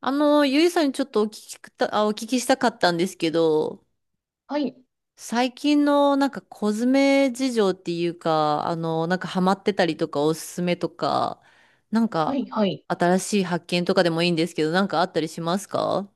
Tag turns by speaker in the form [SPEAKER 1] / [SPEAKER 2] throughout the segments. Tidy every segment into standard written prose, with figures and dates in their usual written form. [SPEAKER 1] ゆいさんにちょっとお聞きしたかったんですけど、
[SPEAKER 2] はい、
[SPEAKER 1] 最近のなんかコスメ事情っていうか、なんかハマってたりとかおすすめとか、なん
[SPEAKER 2] は
[SPEAKER 1] か
[SPEAKER 2] い、はい。
[SPEAKER 1] 新しい発見とかでもいいんですけど、なんかあったりしますか？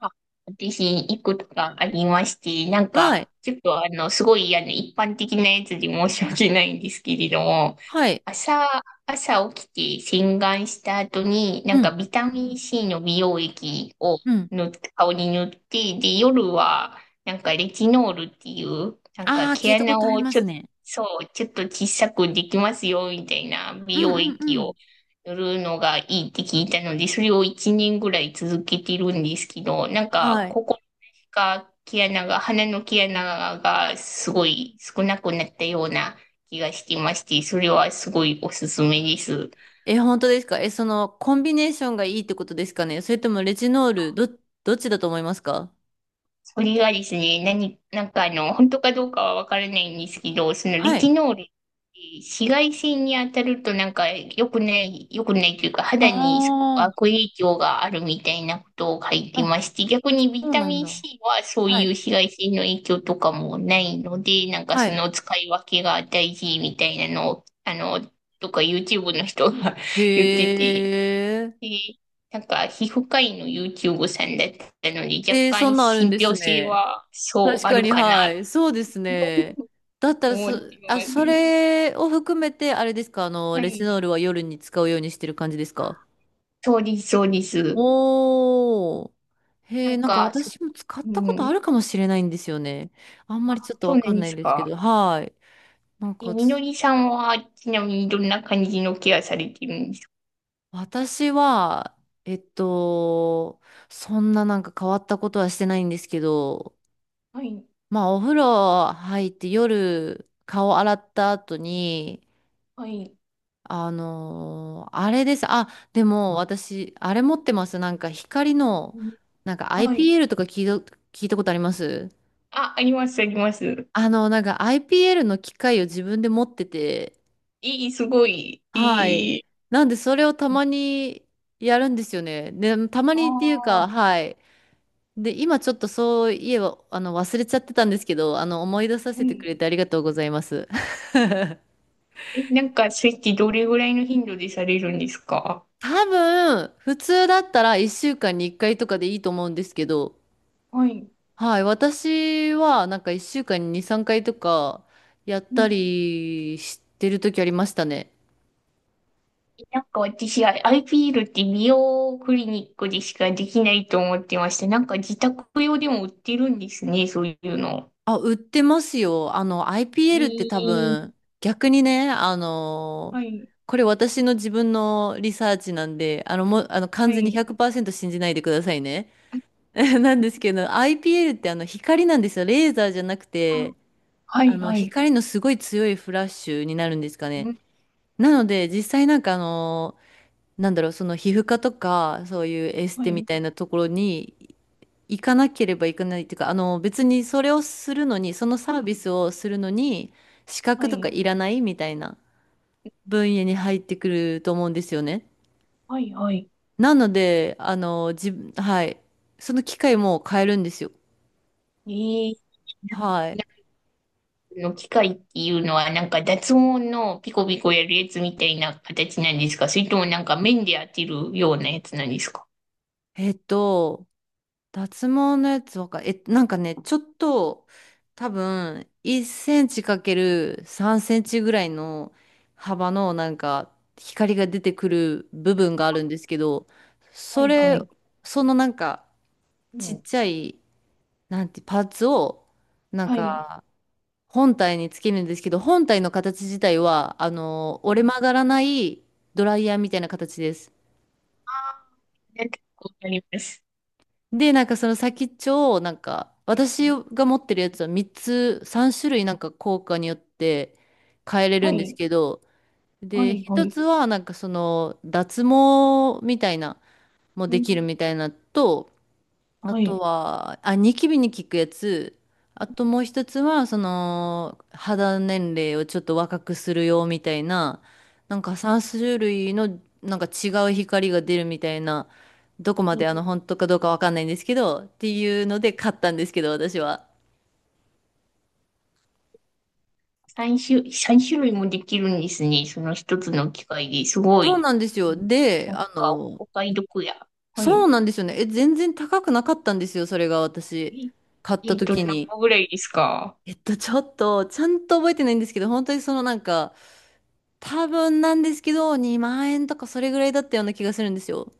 [SPEAKER 2] あ、私、いくつかありまして、なん
[SPEAKER 1] はい。
[SPEAKER 2] か、ちょっとすごい、一般的なやつで申し訳ないんですけれども、
[SPEAKER 1] はい。
[SPEAKER 2] 朝、朝起きて洗顔した後に、
[SPEAKER 1] う
[SPEAKER 2] なんか
[SPEAKER 1] ん。
[SPEAKER 2] ビタミン C の美容液を
[SPEAKER 1] うん。
[SPEAKER 2] 塗って、顔に塗って、で、夜は、なんかレチノールっていう、なんか
[SPEAKER 1] ああ、聞
[SPEAKER 2] 毛
[SPEAKER 1] いたこ
[SPEAKER 2] 穴
[SPEAKER 1] とあり
[SPEAKER 2] を
[SPEAKER 1] ま
[SPEAKER 2] ち
[SPEAKER 1] す
[SPEAKER 2] ょっと、
[SPEAKER 1] ね。
[SPEAKER 2] そう、ちょっと小さくできますよ、みたいな
[SPEAKER 1] う
[SPEAKER 2] 美
[SPEAKER 1] ん
[SPEAKER 2] 容
[SPEAKER 1] うん
[SPEAKER 2] 液
[SPEAKER 1] う
[SPEAKER 2] を
[SPEAKER 1] ん。
[SPEAKER 2] するのがいいって聞いたので、それを1年ぐらい続けてるんですけど、なんか、
[SPEAKER 1] はい。
[SPEAKER 2] ここが毛穴が、鼻の毛穴がすごい少なくなったような気がしてまして、それはすごいおすすめです。
[SPEAKER 1] え、本当ですか？その、コンビネーションがいいってことですかね？それともレジノール、どっちだと思いますか？
[SPEAKER 2] それがですね、なんか本当かどうかはわからないんですけど、そのレ
[SPEAKER 1] は
[SPEAKER 2] チ
[SPEAKER 1] い。
[SPEAKER 2] ノール、紫外線に当たるとなんか良くない、良くないというか、肌
[SPEAKER 1] あ
[SPEAKER 2] にすごく悪影響があるみたいなことを書いて
[SPEAKER 1] あ。
[SPEAKER 2] まして、逆にビ
[SPEAKER 1] そう
[SPEAKER 2] タ
[SPEAKER 1] なん
[SPEAKER 2] ミン
[SPEAKER 1] だ。
[SPEAKER 2] C はそう
[SPEAKER 1] は
[SPEAKER 2] いう
[SPEAKER 1] い。
[SPEAKER 2] 紫外線の影響とかもないので、なんか
[SPEAKER 1] は
[SPEAKER 2] そ
[SPEAKER 1] い。
[SPEAKER 2] の使い分けが大事みたいなのを、とか YouTube の人が 言ってて、
[SPEAKER 1] へえ。
[SPEAKER 2] で、なんか、皮膚科医の YouTube さんだったので、若
[SPEAKER 1] えー、そ
[SPEAKER 2] 干
[SPEAKER 1] んなんあるん
[SPEAKER 2] 信
[SPEAKER 1] です
[SPEAKER 2] 憑性
[SPEAKER 1] ね。
[SPEAKER 2] は、そ
[SPEAKER 1] 確
[SPEAKER 2] う、あ
[SPEAKER 1] か
[SPEAKER 2] る
[SPEAKER 1] に、
[SPEAKER 2] か
[SPEAKER 1] は
[SPEAKER 2] な、と
[SPEAKER 1] い。そうですね。だったら
[SPEAKER 2] 思っ
[SPEAKER 1] そ、
[SPEAKER 2] て
[SPEAKER 1] あ、
[SPEAKER 2] ま
[SPEAKER 1] そ
[SPEAKER 2] す。
[SPEAKER 1] れを含めて、あれですか、
[SPEAKER 2] は
[SPEAKER 1] レチノー
[SPEAKER 2] い。
[SPEAKER 1] ルは夜に使うようにしてる感じですか？
[SPEAKER 2] そうです、そうです。
[SPEAKER 1] おー。
[SPEAKER 2] な
[SPEAKER 1] へえ、
[SPEAKER 2] ん
[SPEAKER 1] なんか
[SPEAKER 2] か、そ
[SPEAKER 1] 私も使っ
[SPEAKER 2] う
[SPEAKER 1] たこと
[SPEAKER 2] ん。
[SPEAKER 1] あるかもしれないんですよね。あんま
[SPEAKER 2] あ、
[SPEAKER 1] りちょっと
[SPEAKER 2] そう
[SPEAKER 1] わ
[SPEAKER 2] な
[SPEAKER 1] か
[SPEAKER 2] ん
[SPEAKER 1] ん
[SPEAKER 2] で
[SPEAKER 1] ないん
[SPEAKER 2] す
[SPEAKER 1] ですけ
[SPEAKER 2] か。
[SPEAKER 1] ど、はい。なん
[SPEAKER 2] え、
[SPEAKER 1] か
[SPEAKER 2] みの
[SPEAKER 1] つ、
[SPEAKER 2] りさんは、ちなみにどんな感じのケアされてるんですか？
[SPEAKER 1] 私は、えっと、そんななんか変わったことはしてないんですけど、
[SPEAKER 2] はい、
[SPEAKER 1] まあ、お風呂入って夜顔洗った後に、
[SPEAKER 2] はい、
[SPEAKER 1] あれです。あ、でも私、あれ持ってます。なんか光の、
[SPEAKER 2] うん
[SPEAKER 1] なんか
[SPEAKER 2] はい。
[SPEAKER 1] IPL とか聞いたことあります？
[SPEAKER 2] あ、あります、あります。
[SPEAKER 1] なんか IPL の機械を自分で持ってて、
[SPEAKER 2] いいすごい。
[SPEAKER 1] は
[SPEAKER 2] い
[SPEAKER 1] い。
[SPEAKER 2] い。
[SPEAKER 1] なんでそれをたまにやるんですよね。で、たま
[SPEAKER 2] あ
[SPEAKER 1] にっていう
[SPEAKER 2] あ、は
[SPEAKER 1] か、はい。で、今ちょっとそういえば、忘れちゃってたんですけど、思い出させてく
[SPEAKER 2] い。
[SPEAKER 1] れてありがとうございます。
[SPEAKER 2] え、なんか、それってどれぐらいの頻度でされるんですか？
[SPEAKER 1] 多分、普通だったら1週間に1回とかでいいと思うんですけど、
[SPEAKER 2] はい。
[SPEAKER 1] はい、私はなんか1週間に2、3回とかやったりしてる時ありましたね。
[SPEAKER 2] なんか私は IPL って美容クリニックでしかできないと思ってました。なんか自宅用でも売ってるんですね、そういうの。
[SPEAKER 1] あ、売ってますよ。
[SPEAKER 2] え
[SPEAKER 1] IPL って多
[SPEAKER 2] ー、
[SPEAKER 1] 分、逆にね、
[SPEAKER 2] はい、
[SPEAKER 1] これ私の自分のリサーチなんで、もう、完
[SPEAKER 2] は
[SPEAKER 1] 全に
[SPEAKER 2] い。
[SPEAKER 1] 100%信じないでくださいね。なんですけど、IPL って光なんですよ。レーザーじゃなく
[SPEAKER 2] あ、
[SPEAKER 1] て、
[SPEAKER 2] はい、はい。
[SPEAKER 1] 光のすごい強いフラッシュになるんですか
[SPEAKER 2] う
[SPEAKER 1] ね。
[SPEAKER 2] ん、
[SPEAKER 1] なので、実際なんかなんだろう、その皮膚科とか、そういうエス
[SPEAKER 2] は
[SPEAKER 1] テみ
[SPEAKER 2] い、
[SPEAKER 1] たいなところに行かなければいけないっていうか、別にそれをするのに、そのサービスをするのに、資
[SPEAKER 2] は
[SPEAKER 1] 格とか
[SPEAKER 2] い、
[SPEAKER 1] いらないみたいな分野に入ってくると思うんですよね。
[SPEAKER 2] はい、はい。
[SPEAKER 1] なので、自分、はい。その機械も変えるんですよ。
[SPEAKER 2] えー、なんか
[SPEAKER 1] はい。
[SPEAKER 2] の機械っていうのはなんか脱毛のピコピコやるやつみたいな形なんですか？それともなんか面で当てるようなやつなんですか？
[SPEAKER 1] えっと、脱毛のやつわか、え、なんかね、ちょっと、多分、1センチかける3センチぐらいの幅の、なんか、光が出てくる部分があるんですけど、
[SPEAKER 2] は
[SPEAKER 1] そ
[SPEAKER 2] い、は
[SPEAKER 1] れ、
[SPEAKER 2] い。
[SPEAKER 1] そのなんか、
[SPEAKER 2] う
[SPEAKER 1] ちっ
[SPEAKER 2] ん、
[SPEAKER 1] ちゃい、なんて、パーツを、なん
[SPEAKER 2] はい。
[SPEAKER 1] か、本体につけるんですけど、本体の形自体は、
[SPEAKER 2] は
[SPEAKER 1] 折れ
[SPEAKER 2] い。
[SPEAKER 1] 曲がらないドライヤーみたいな形です。
[SPEAKER 2] あー、なんかわかります。
[SPEAKER 1] で、なんかその先っちょを、なんか、
[SPEAKER 2] は
[SPEAKER 1] 私
[SPEAKER 2] い、
[SPEAKER 1] が持ってるやつは3つ、3種類なんか効果によって変えれ
[SPEAKER 2] は
[SPEAKER 1] るんです
[SPEAKER 2] い、
[SPEAKER 1] けど、
[SPEAKER 2] は
[SPEAKER 1] で、
[SPEAKER 2] い、は
[SPEAKER 1] 一
[SPEAKER 2] い。
[SPEAKER 1] つはなんかその脱毛みたいな、も
[SPEAKER 2] う
[SPEAKER 1] で
[SPEAKER 2] ん、
[SPEAKER 1] きるみたいなと、あ
[SPEAKER 2] は
[SPEAKER 1] と
[SPEAKER 2] い。
[SPEAKER 1] は、あ、ニキビに効くやつ。あともう一つは、その、肌年齢をちょっと若くするよみたいな、なんか3種類の、なんか違う光が出るみたいな、どこまで本当かどうかわかんないんですけど、っていうので買ったんですけど、私は。
[SPEAKER 2] 3種、三種類もできるんですね。その一つの機械ですご
[SPEAKER 1] そう
[SPEAKER 2] い。
[SPEAKER 1] なんですよ。で、
[SPEAKER 2] なんか、お買い得や。は
[SPEAKER 1] そう
[SPEAKER 2] い。
[SPEAKER 1] なんですよね。え、全然高くなかったんですよ、それが私、
[SPEAKER 2] え、
[SPEAKER 1] 買った
[SPEAKER 2] えっと、何
[SPEAKER 1] 時に。
[SPEAKER 2] 個ぐらいですか？
[SPEAKER 1] ちょっと、ちゃんと覚えてないんですけど、本当にそのなんか、多分なんですけど、2万円とかそれぐらいだったような気がするんですよ。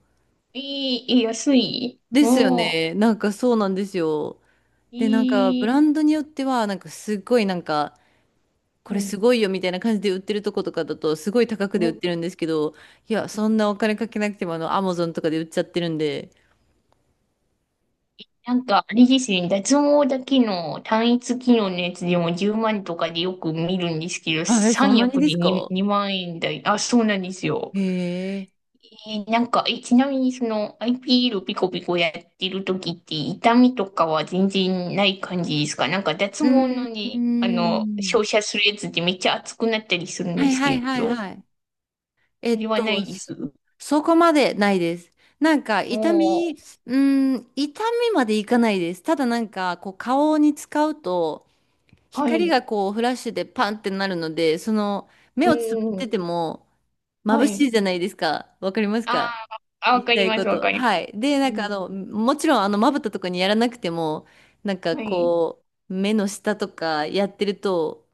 [SPEAKER 2] えー、え、安い
[SPEAKER 1] ですよ
[SPEAKER 2] おー、
[SPEAKER 1] ね。なんかそうなんですよ。で、なんか
[SPEAKER 2] え
[SPEAKER 1] ブ
[SPEAKER 2] ー、
[SPEAKER 1] ランドによっては、なんかすごいなんか、こ
[SPEAKER 2] は
[SPEAKER 1] れ
[SPEAKER 2] い。
[SPEAKER 1] すごいよみたいな感じで売ってるとことかだと、すごい高くで
[SPEAKER 2] う
[SPEAKER 1] 売っ
[SPEAKER 2] ん。
[SPEAKER 1] てるんですけど、いや、そんなお金かけなくても、アマゾンとかで売っちゃってるんで。
[SPEAKER 2] なんか、あれですね、脱毛だけの単一機能のやつでも10万とかでよく見るんですけど、
[SPEAKER 1] あ、え、そんな
[SPEAKER 2] 3
[SPEAKER 1] に
[SPEAKER 2] 役
[SPEAKER 1] で
[SPEAKER 2] で
[SPEAKER 1] す か？
[SPEAKER 2] 2万円台。あ、そうなんですよ。
[SPEAKER 1] へえ。
[SPEAKER 2] えー、なんか、え、ちなみにその IPL ピーエルピコピコやってる時って痛みとかは全然ない感じですか？なんか脱
[SPEAKER 1] う
[SPEAKER 2] 毛
[SPEAKER 1] ー
[SPEAKER 2] のね、
[SPEAKER 1] ん。
[SPEAKER 2] 照射するやつってめっちゃ熱くなったりするん
[SPEAKER 1] は
[SPEAKER 2] で
[SPEAKER 1] い
[SPEAKER 2] す
[SPEAKER 1] はい
[SPEAKER 2] け
[SPEAKER 1] はい
[SPEAKER 2] ど、
[SPEAKER 1] はい。え
[SPEAKER 2] それ
[SPEAKER 1] っ
[SPEAKER 2] はな
[SPEAKER 1] と、
[SPEAKER 2] いで
[SPEAKER 1] そ
[SPEAKER 2] す。
[SPEAKER 1] そこまでないです。なんか
[SPEAKER 2] お
[SPEAKER 1] 痛み、
[SPEAKER 2] ー、
[SPEAKER 1] うん、痛みまでいかないです。ただなんかこう顔に使うと
[SPEAKER 2] は
[SPEAKER 1] 光
[SPEAKER 2] い。
[SPEAKER 1] がこうフラッシュでパンってなるので、その
[SPEAKER 2] う
[SPEAKER 1] 目をつぶっ
[SPEAKER 2] ん、
[SPEAKER 1] てても
[SPEAKER 2] は
[SPEAKER 1] 眩し
[SPEAKER 2] い。
[SPEAKER 1] いじゃないですか。わかります
[SPEAKER 2] あ
[SPEAKER 1] か？
[SPEAKER 2] ー、あ
[SPEAKER 1] 言
[SPEAKER 2] わか
[SPEAKER 1] いた
[SPEAKER 2] り
[SPEAKER 1] い
[SPEAKER 2] ま
[SPEAKER 1] こ
[SPEAKER 2] す、わ
[SPEAKER 1] と。
[SPEAKER 2] かります。
[SPEAKER 1] はい。で、
[SPEAKER 2] う
[SPEAKER 1] なんか
[SPEAKER 2] ん、
[SPEAKER 1] もちろんまぶたとかにやらなくても、なんか
[SPEAKER 2] はい。
[SPEAKER 1] こう目の下とかやってると、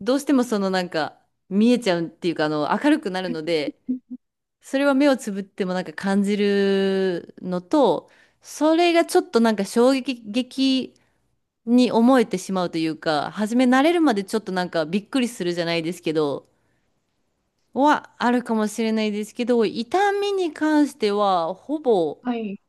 [SPEAKER 1] どうしてもそのなんか見えちゃうっていうか明るくなるので、それは目をつぶってもなんか感じるのと、それがちょっとなんか衝撃的に思えてしまうというか、初め慣れるまでちょっとなんかびっくりするじゃないですけど、はあるかもしれないですけど、痛みに関してはほぼ
[SPEAKER 2] はい。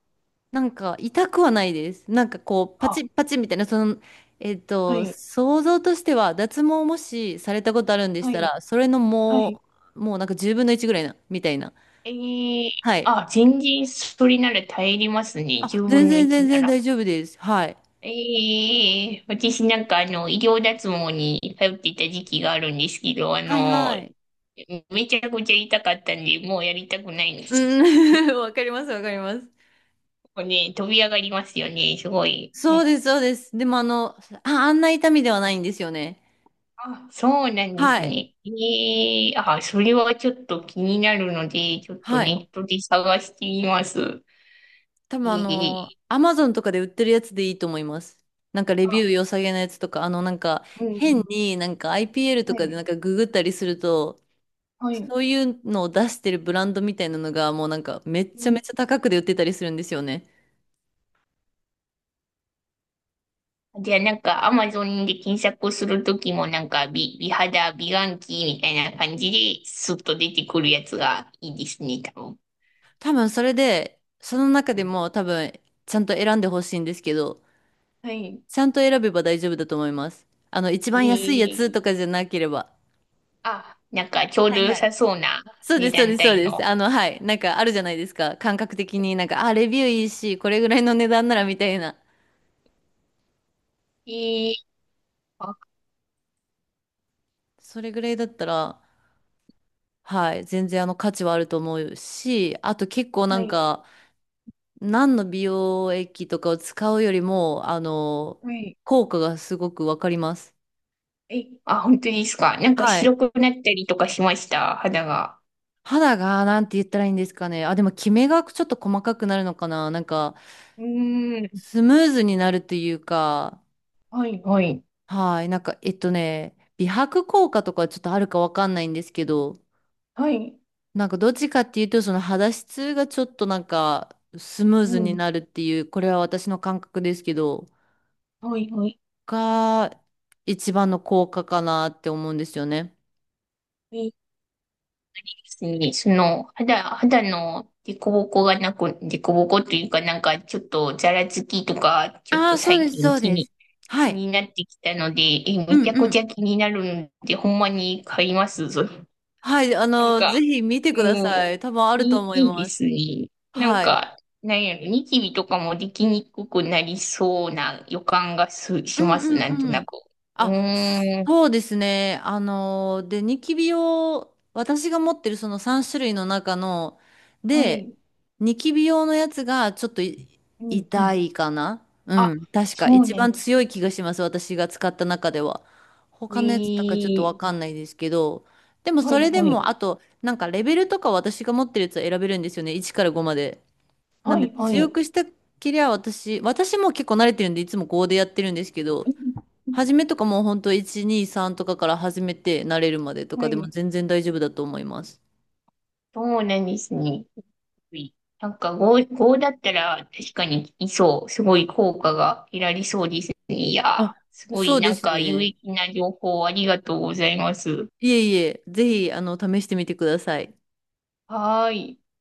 [SPEAKER 1] なんか痛くはないです。なんかこうパチッ
[SPEAKER 2] あ、
[SPEAKER 1] パチッみたいな、その、
[SPEAKER 2] はい。
[SPEAKER 1] 想像としては脱毛をもしされたことあるんでし
[SPEAKER 2] は
[SPEAKER 1] た
[SPEAKER 2] い。
[SPEAKER 1] ら、それの
[SPEAKER 2] はい。
[SPEAKER 1] もうなんか10分の1ぐらいな、みたいな。
[SPEAKER 2] えー、
[SPEAKER 1] はい。
[SPEAKER 2] あ、全然それなら耐えれますね。
[SPEAKER 1] あ、
[SPEAKER 2] 10
[SPEAKER 1] 全
[SPEAKER 2] 分の
[SPEAKER 1] 然
[SPEAKER 2] 1
[SPEAKER 1] 全
[SPEAKER 2] な
[SPEAKER 1] 然
[SPEAKER 2] ら。
[SPEAKER 1] 大丈夫です。はい。
[SPEAKER 2] ええ、私なんか医療脱毛に通っていた時期があるんですけど、
[SPEAKER 1] はいはい。
[SPEAKER 2] めちゃくちゃ痛かったんで、もうやりたくないんで
[SPEAKER 1] う
[SPEAKER 2] す。
[SPEAKER 1] ん、わかりますわかります。
[SPEAKER 2] もうね、飛び上がりますよね、すごい。
[SPEAKER 1] そうです、そうです。でもあんな痛みではないんですよね。
[SPEAKER 2] あ、そうなんです
[SPEAKER 1] はい。
[SPEAKER 2] ね。ええ、あ、それはちょっと気になるので、ちょっと
[SPEAKER 1] はい。
[SPEAKER 2] ネットで探してみます。
[SPEAKER 1] 多分
[SPEAKER 2] ええ、
[SPEAKER 1] アマゾンとかで売ってるやつでいいと思います。なんかレビュー
[SPEAKER 2] あ、
[SPEAKER 1] 良さげなやつとか、なんか
[SPEAKER 2] うん、
[SPEAKER 1] 変になんか IPL と
[SPEAKER 2] は
[SPEAKER 1] かで
[SPEAKER 2] い、
[SPEAKER 1] なんかググったりすると、
[SPEAKER 2] はい。
[SPEAKER 1] そういうのを出してるブランドみたいなのがもうなんかめっ
[SPEAKER 2] う
[SPEAKER 1] ちゃめ
[SPEAKER 2] ん。
[SPEAKER 1] ちゃ高くで売ってたりするんですよね。
[SPEAKER 2] じゃあ、なんかアマゾンで検索するときもなんか美肌、美顔器みたいな感じですっと出てくるやつがいいですね、多分。
[SPEAKER 1] 多分それで、その中
[SPEAKER 2] う
[SPEAKER 1] で
[SPEAKER 2] ん。
[SPEAKER 1] も多分ちゃんと選んでほしいんですけど、
[SPEAKER 2] はい。
[SPEAKER 1] ちゃんと選べば大丈夫だと思います。一
[SPEAKER 2] え
[SPEAKER 1] 番安いやつ
[SPEAKER 2] ー、
[SPEAKER 1] とかじゃなければ。
[SPEAKER 2] あ、なんかちょう
[SPEAKER 1] は
[SPEAKER 2] ど
[SPEAKER 1] いは
[SPEAKER 2] 良
[SPEAKER 1] い。
[SPEAKER 2] さそうな
[SPEAKER 1] そうで
[SPEAKER 2] 値
[SPEAKER 1] す、そう
[SPEAKER 2] 段
[SPEAKER 1] です、そう
[SPEAKER 2] 帯
[SPEAKER 1] です。
[SPEAKER 2] の。
[SPEAKER 1] はい。なんかあるじゃないですか。感覚的になんか、あ、レビューいいし、これぐらいの値段ならみたいな。
[SPEAKER 2] えー、あ、
[SPEAKER 1] それぐらいだったら、はい。全然価値はあると思うし、あと結構な
[SPEAKER 2] は
[SPEAKER 1] ん
[SPEAKER 2] い、
[SPEAKER 1] か、何の美容液とかを使うよりも、
[SPEAKER 2] はい。
[SPEAKER 1] 効果がすごくわかります。
[SPEAKER 2] え、あ、本当ですか。なんか
[SPEAKER 1] はい。
[SPEAKER 2] 白くなったりとかしました、肌が。
[SPEAKER 1] 肌が、なんて言ったらいいんですかね。あ、でも、キメがちょっと細かくなるのかな。なんか、
[SPEAKER 2] うーん。
[SPEAKER 1] スムーズになるというか、
[SPEAKER 2] はい、はい。
[SPEAKER 1] はい。なんか、美白効果とかちょっとあるかわかんないんですけど、
[SPEAKER 2] はい。
[SPEAKER 1] なんか、どっちかっていうと、その肌質がちょっとなんか、スムーズ
[SPEAKER 2] う
[SPEAKER 1] に
[SPEAKER 2] ん。
[SPEAKER 1] なるっていう、これは私の感覚ですけど、
[SPEAKER 2] はい、はい。
[SPEAKER 1] が、一番の効果かなって思うんですよね。
[SPEAKER 2] えその、肌の凸凹がなく、凸凹というか、なんか、ちょっと、ざらつきとか、ちょっ
[SPEAKER 1] あ
[SPEAKER 2] と
[SPEAKER 1] あ、そう
[SPEAKER 2] 最
[SPEAKER 1] です、そ
[SPEAKER 2] 近
[SPEAKER 1] うです。は
[SPEAKER 2] 気
[SPEAKER 1] い。
[SPEAKER 2] になってきたので、え、
[SPEAKER 1] う
[SPEAKER 2] め
[SPEAKER 1] ん
[SPEAKER 2] ちゃく
[SPEAKER 1] う
[SPEAKER 2] ち
[SPEAKER 1] ん。
[SPEAKER 2] ゃ気になるので、ほんまに買いますぞ。
[SPEAKER 1] はい。
[SPEAKER 2] なんか、
[SPEAKER 1] ぜひ見てくだ
[SPEAKER 2] も
[SPEAKER 1] さ
[SPEAKER 2] う、
[SPEAKER 1] い。多分あると思い
[SPEAKER 2] いい
[SPEAKER 1] ま
[SPEAKER 2] です
[SPEAKER 1] す。
[SPEAKER 2] ね。なん
[SPEAKER 1] はい。
[SPEAKER 2] か、なんやろ、ニキビとかもできにくくなりそうな予感が
[SPEAKER 1] う
[SPEAKER 2] し
[SPEAKER 1] ん
[SPEAKER 2] ます、
[SPEAKER 1] う
[SPEAKER 2] なんと
[SPEAKER 1] ん
[SPEAKER 2] な
[SPEAKER 1] う
[SPEAKER 2] く。
[SPEAKER 1] ん。
[SPEAKER 2] う
[SPEAKER 1] あ、
[SPEAKER 2] ーん、
[SPEAKER 1] そうですね。あので、ニキビ用、私が持ってるその3種類の中の、
[SPEAKER 2] は
[SPEAKER 1] で、
[SPEAKER 2] い、
[SPEAKER 1] ニキビ用のやつがちょっと
[SPEAKER 2] うん、う
[SPEAKER 1] 痛
[SPEAKER 2] ん。
[SPEAKER 1] いかな、う
[SPEAKER 2] あ、
[SPEAKER 1] ん。確か。
[SPEAKER 2] そう
[SPEAKER 1] 一
[SPEAKER 2] ね。
[SPEAKER 1] 番強い気がします。私が使った中では。
[SPEAKER 2] え
[SPEAKER 1] 他のやつとかちょっと
[SPEAKER 2] ー、
[SPEAKER 1] わかんないですけど。でも
[SPEAKER 2] は
[SPEAKER 1] そ
[SPEAKER 2] い、
[SPEAKER 1] れで
[SPEAKER 2] はい。
[SPEAKER 1] も、あと、なんかレベルとか私が持ってるやつを選べるんですよね。1から5まで。な
[SPEAKER 2] は
[SPEAKER 1] んで
[SPEAKER 2] い、は
[SPEAKER 1] 強
[SPEAKER 2] い。
[SPEAKER 1] くしたきりゃ私も結構慣れてるんでいつも5でやってるんですけど、初めとかもうほんと1、2、3とかから始めて慣れるまでと
[SPEAKER 2] は
[SPEAKER 1] かでも
[SPEAKER 2] い。
[SPEAKER 1] 全然大丈夫だと思います。
[SPEAKER 2] そうなんですね。なんか5だったら確かにいそう。すごい効果が得られそうですね。い
[SPEAKER 1] あ、
[SPEAKER 2] や、すご
[SPEAKER 1] そ
[SPEAKER 2] い
[SPEAKER 1] うで
[SPEAKER 2] なん
[SPEAKER 1] す
[SPEAKER 2] か有
[SPEAKER 1] ね。
[SPEAKER 2] 益な情報ありがとうございます。
[SPEAKER 1] いえいえ、ぜひ試してみてください。
[SPEAKER 2] はーい。